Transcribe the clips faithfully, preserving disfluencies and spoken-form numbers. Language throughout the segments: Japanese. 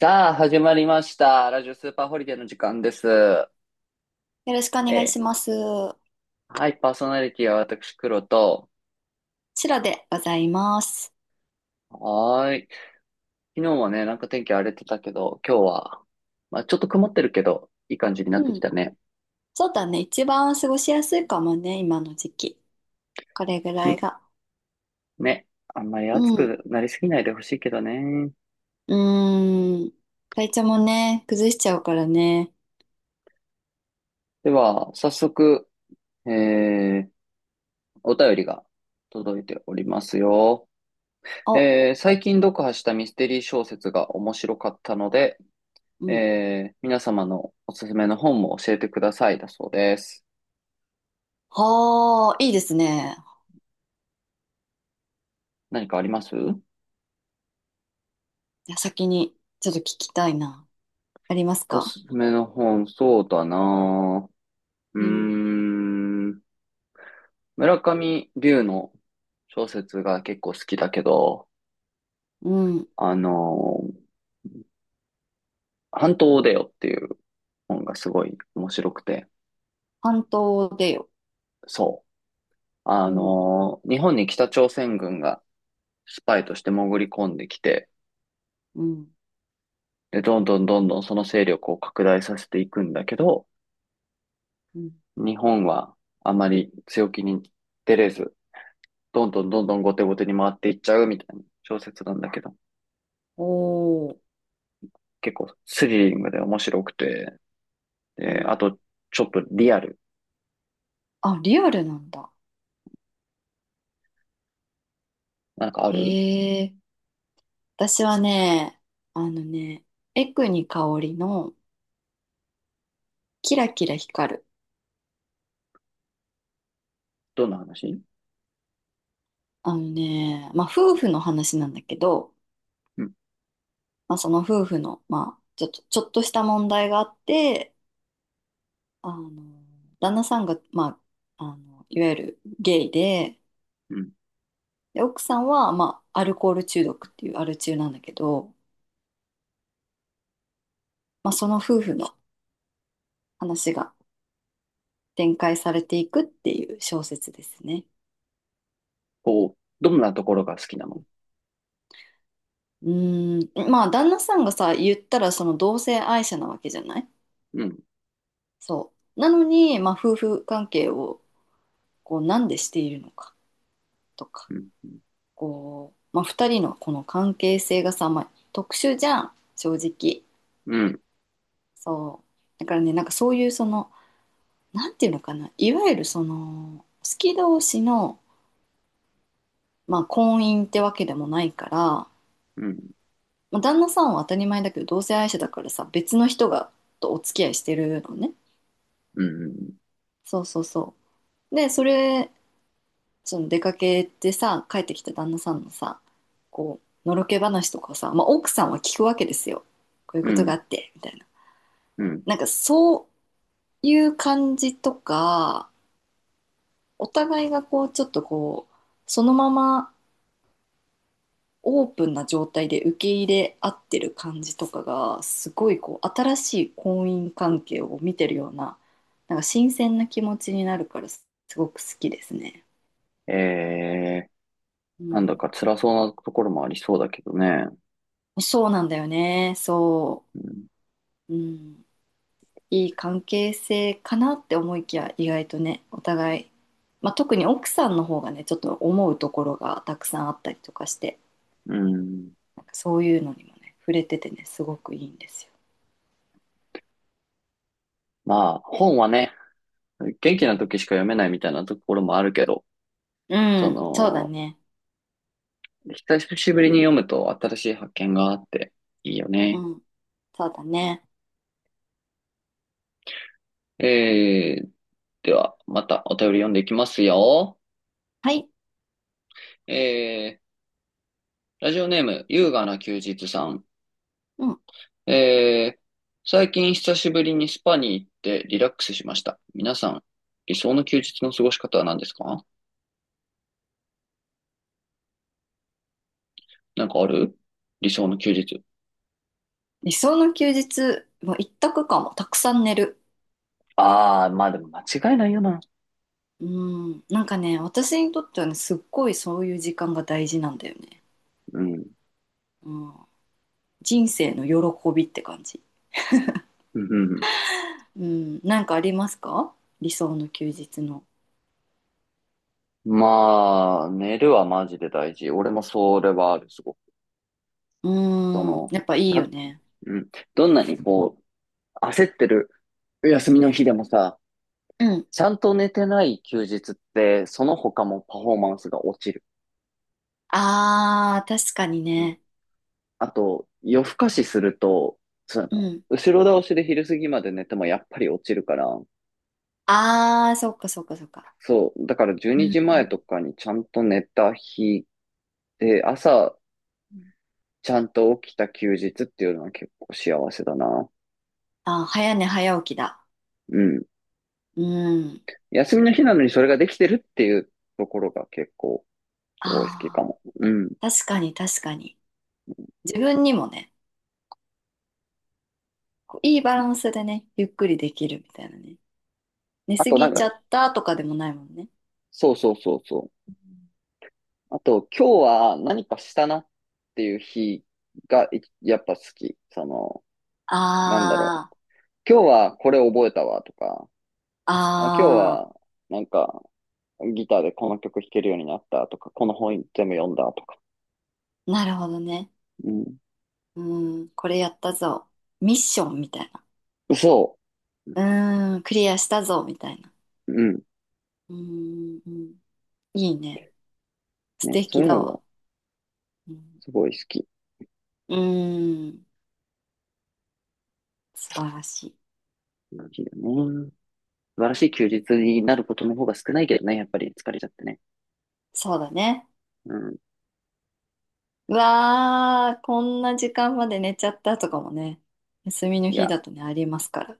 さあ、始まりました。ラジオスーパーホリデーの時間です。よろしくおえ願いしえ。ます。はい、パーソナリティは私、黒と。シロでございます。はーい。昨日はね、なんか天気荒れてたけど、今日は、まあちょっと曇ってるけど、いい感じになってうきん。たね。そうだね。一番過ごしやすいかもね、今の時期。これぐうらいん。が。ね。あんまり暑うん。くなりすぎないでほしいけどね。うーん。体調もね、崩しちゃうからね。では、早速、えー、お便りが届いておりますよ。お、えー、最近読破したミステリー小説が面白かったので、うん。えー、皆様のおすすめの本も教えてくださいだそうです。はあ、いいですね。何かあります？じゃあ先に、ちょっと聞きたいな。ありますおか？すすめの本、そうだなぁ。うーうん。ん、村上龍の小説が結構好きだけど、うん。あのー、半島を出よっていう本がすごい面白くて、半島でよ。そう。あおう。のー、日本に北朝鮮軍がスパイとして潜り込んできて、うん。で、どんどんどんどんその勢力を拡大させていくんだけど、うん。日本はあまり強気に出れず、どんどんどんうどん。ん後手後手に回っていっちゃうみたいな小説なんだけど、おー。結構スリリングで面白くて、うで、ん。あと、ちょっとリアル。あ、リアルなんだ。なんかあへる？え。私はね、あのね、エクニカオリのキラキラ光る。どんな話？あのね、まあ夫婦の話なんだけど、うん、まあその夫婦の、まあちょっと、ちょっとした問題があって、あの、旦那さんが、まあ、あの、いわゆるゲイで、うん。で、奥さんは、まあアルコール中毒っていうアル中なんだけど、まあその夫婦の話が展開されていくっていう小説ですね。こう、どんなところが好きなの？うーん、まあ旦那さんがさ、言ったらその同性愛者なわけじゃない？うん、そう。なのに、まあ、夫婦関係をこうなんでしているのかとか、うん、うん、こう、まあ、ふたりのこの関係性がさ、まあ、特殊じゃん、正直。うん、そう。だからね、なんかそういうその、なんていうのかな、いわゆるその、好き同士の、まあ、婚姻ってわけでもないから、うん、まあ、旦那さんは当たり前だけど、同性愛者だからさ、別の人がとお付き合いしてるのね。うん、そうそうそう。で、それその出かけてさ、帰ってきた旦那さんのさ、こう、のろけ話とかをさ、まあ、奥さんは聞くわけですよ。こういううことがあん。って、みたいな。うん。なんかそういう感じとか、お互いがこう、ちょっとこう、そのままオープンな状態で受け入れ合ってる感じとかが、すごいこう、新しい婚姻関係を見てるような、なんか新鮮な気持ちになるから、すごく好きですね。えうー、なんだん。か辛そうなところもありそうだけどね。そうなんだよね。そうん、う。うん。いい関係性かなって思いきや意外とねお互い、まあ、特に奥さんの方がねちょっと思うところがたくさんあったりとかして、うん。なんかそういうのにもね触れててねすごくいいんですよ。まあ、本はね、元気うなん、時しか読めないみたいなところもあるけど、うそん。そうだの、ね。久しぶりに読むと新しい発見があっていいようね。ん。そうだね。えー、では、またお便り読んでいきますよ。はい。えー、ラジオネーム、優雅な休日さん。うん。えー、最近久しぶりにスパに行ってリラックスしました。皆さん、理想の休日の過ごし方は何ですか？なんかある？理想の休日。理想の休日も一択かも。たくさん寝る。ああ、まあでも間違いないよな。うん。なんかね、私にとってはね、すっごいそういう時間が大事なんだよね。うん。うん。人生の喜びって感じ。うんうん。うん、なんかありますか？理想の休日の。まあ、寝るはマジで大事。俺もそれはある、すごく。うそーん、の、やっぱいいよた、ね。うん。どんなにこう、焦ってる休みの日でもさ、うん。ちゃんと寝てない休日って、その他もパフォーマンスが落ちる。あー、確かにうん。ね。あと、夜更かしすると、そうの、ん。後ろ倒しで昼過ぎまで寝てもやっぱり落ちるから、あー、そっかそっかそっか。そう。だから12うん時う前んとかにちゃんと寝た日で、朝うん。ちゃんと起きた休日っていうのは結構幸せだな。あー、早寝早起きだ。うん。うん。休みの日なのにそれができてるっていうところが結構すごい好きかあも。うん。ー、確かに確かに。自分にもね、こういいバランスでね、ゆっくりできるみたいなね。寝あすとなぎんちゃか、ったとかでもないもんね。そうそうそうそう。あと今日は何かしたなっていう日がいやっぱ好き。その、なんだろあう。ー、今日はこれ覚えたわとか、あ、今日あはなんかギターでこの曲弾けるようになったとか、この本全部読んだとか。ー、なるほどね。うん。うん、これやったぞ。ミッションみたいな。そうーん、クリアしたぞ、みたいな。う。うん。うーん、いいね。素ね。そ敵ういうだのわ。がうん、すごい好き。うーん、素晴らしい。好きだね。素晴らしい休日になることの方が少ないけどね、やっぱり疲れちゃってね。そうだね。うん。うわー、こんな時間まで寝ちゃったとかもね、休みのい日や、だとね、ありますから。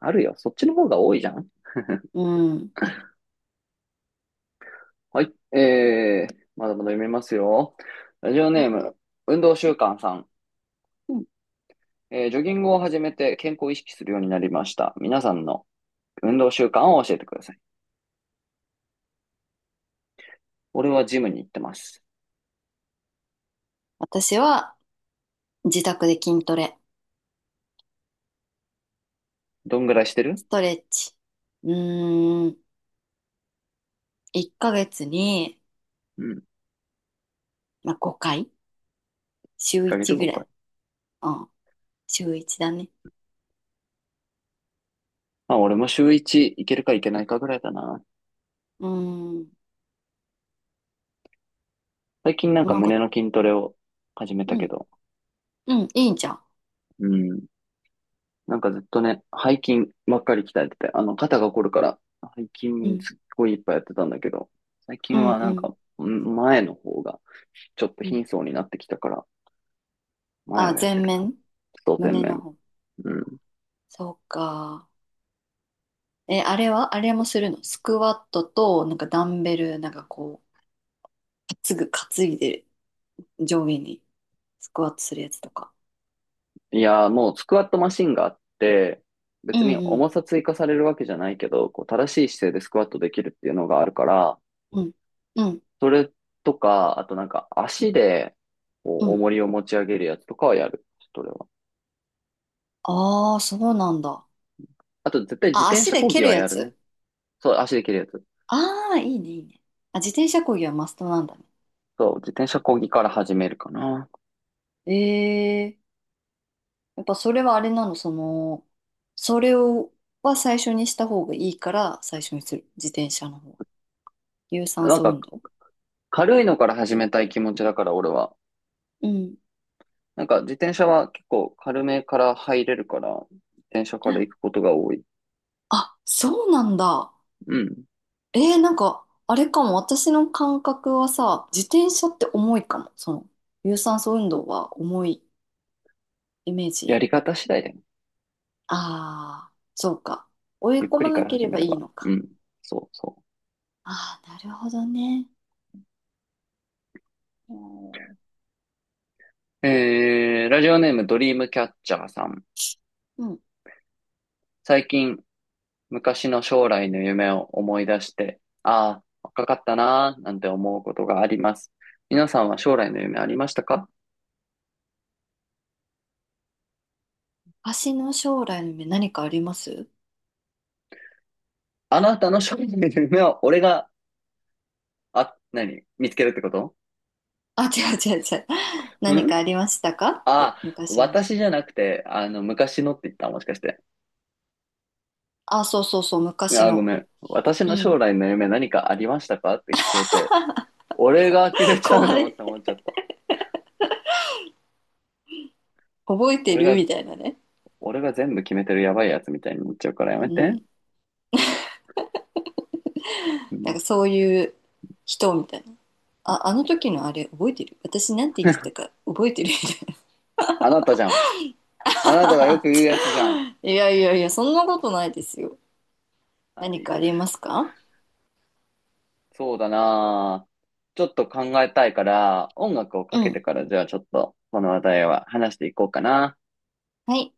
あるよ。そっちの方が多いじゃん。うん。はい。えー、まだまだ読めますよ。ラジオえ。ネーム、運動習慣さん。うん。えージョギングを始めて健康を意識するようになりました。皆さんの運動習慣を教えてください。俺はジムに行ってます。私は自宅で筋トレ、どんぐらいしてる？ストレッチ。うーん、いっかげつに、うん。1まあ、ごかい、週ヶ月いちぐらごかい。い。うん、週いちだね。まあ、俺も週いち行けるか行けないかぐらいだな。うーん、最近なんかなん胸か、の筋トレを始めたうけんど。うん、いいじゃん。うん。なんかずっとね、背筋ばっかり鍛えてて、あの、肩が凝るから、背筋うん、すっごいいっぱいやってたんだけど、最う近ん、はなうんん、か、ん、前の方が、ちょっとうん。貧相になってきたから、前あ、をやっ前てるな。面、外前胸の面。方。うん。そうか。え、あれはあれもするの？スクワットと、なんかダンベル、なんかこう、すぐ担いで上下にスクワットするやつとか。いやー、もうスクワットマシンがあって、う別にんう重ん。さ追加されるわけじゃないけど、こう正しい姿勢でスクワットできるっていうのがあるから、うん。うん。それとか、あとなんか足で、こうう、ん。重りを持ち上げるやつとかはやる。それは。ああ、そうなんだ。あと絶対自あ、転足車で漕蹴ぎるはややるね。つ。そう、足できるやつ。ああ、いいね、いいね。あ、自転車漕ぎはマストなんだね。そう、自転車漕ぎから始めるかな。ええ。やっぱそれはあれなの、その、それを、は最初にした方がいいから、最初にする。自転車の方。有酸なん素か、運動。軽いのから始めたい気持ちだから、俺は。うん。なんか、自転車は結構軽めから入れるから、自転車から行くことが多い。あ、そうなんだ。うん。えー、なんか、あれかも。私の感覚はさ、自転車って重いかも。その、有酸素運動は重いイメーやジ。り方次第だよ。ああ、そうか。追いゆっ込くまりなからけ始れめばれいいば。のうか。ん。そうそああ、なるほどね。う。う。えー、ラジオネームドリームキャッチャーさん。うん。最近、昔の将来の夢を思い出して、ああ、若かったなーなんて思うことがあります。皆さんは将来の夢ありましたか？私の将来の夢何かありますあなたの将来の夢は俺が、あ、何見つけるってこと？あ、違う違う違う。何ん、かありましたかってあ、昔の自私分。じゃなくて、あの、昔のって言った？もしかして。あ、そうそうそう、昔あ、ごの。めん。私うのん。将来の夢何かありましたかって聞こえて、俺が決め ちゃう怖のっい。て思っちゃった。覚えて俺が、るみたいなね。俺が全部決めてるやばいやつみたいになっちゃうからやうめて。ん。うなんん、かそういう人みたいな。あ、あの時のあれ覚えてる、私なんて言ってたか覚えてるみたいあなたじゃん。あなたがよな。く言うやつじゃん。いやいやいや、そんなことないですよ。は何い。かありますか？そうだなぁ。ちょっと考えたいから、音楽をかうけてん。からじゃあちょっとこの話題は話していこうかな。はい。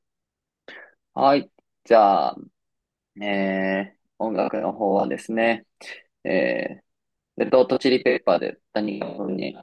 はい。じゃあ、えー、音楽の方はですね、えー、レッドホットチリペッパーで何かのに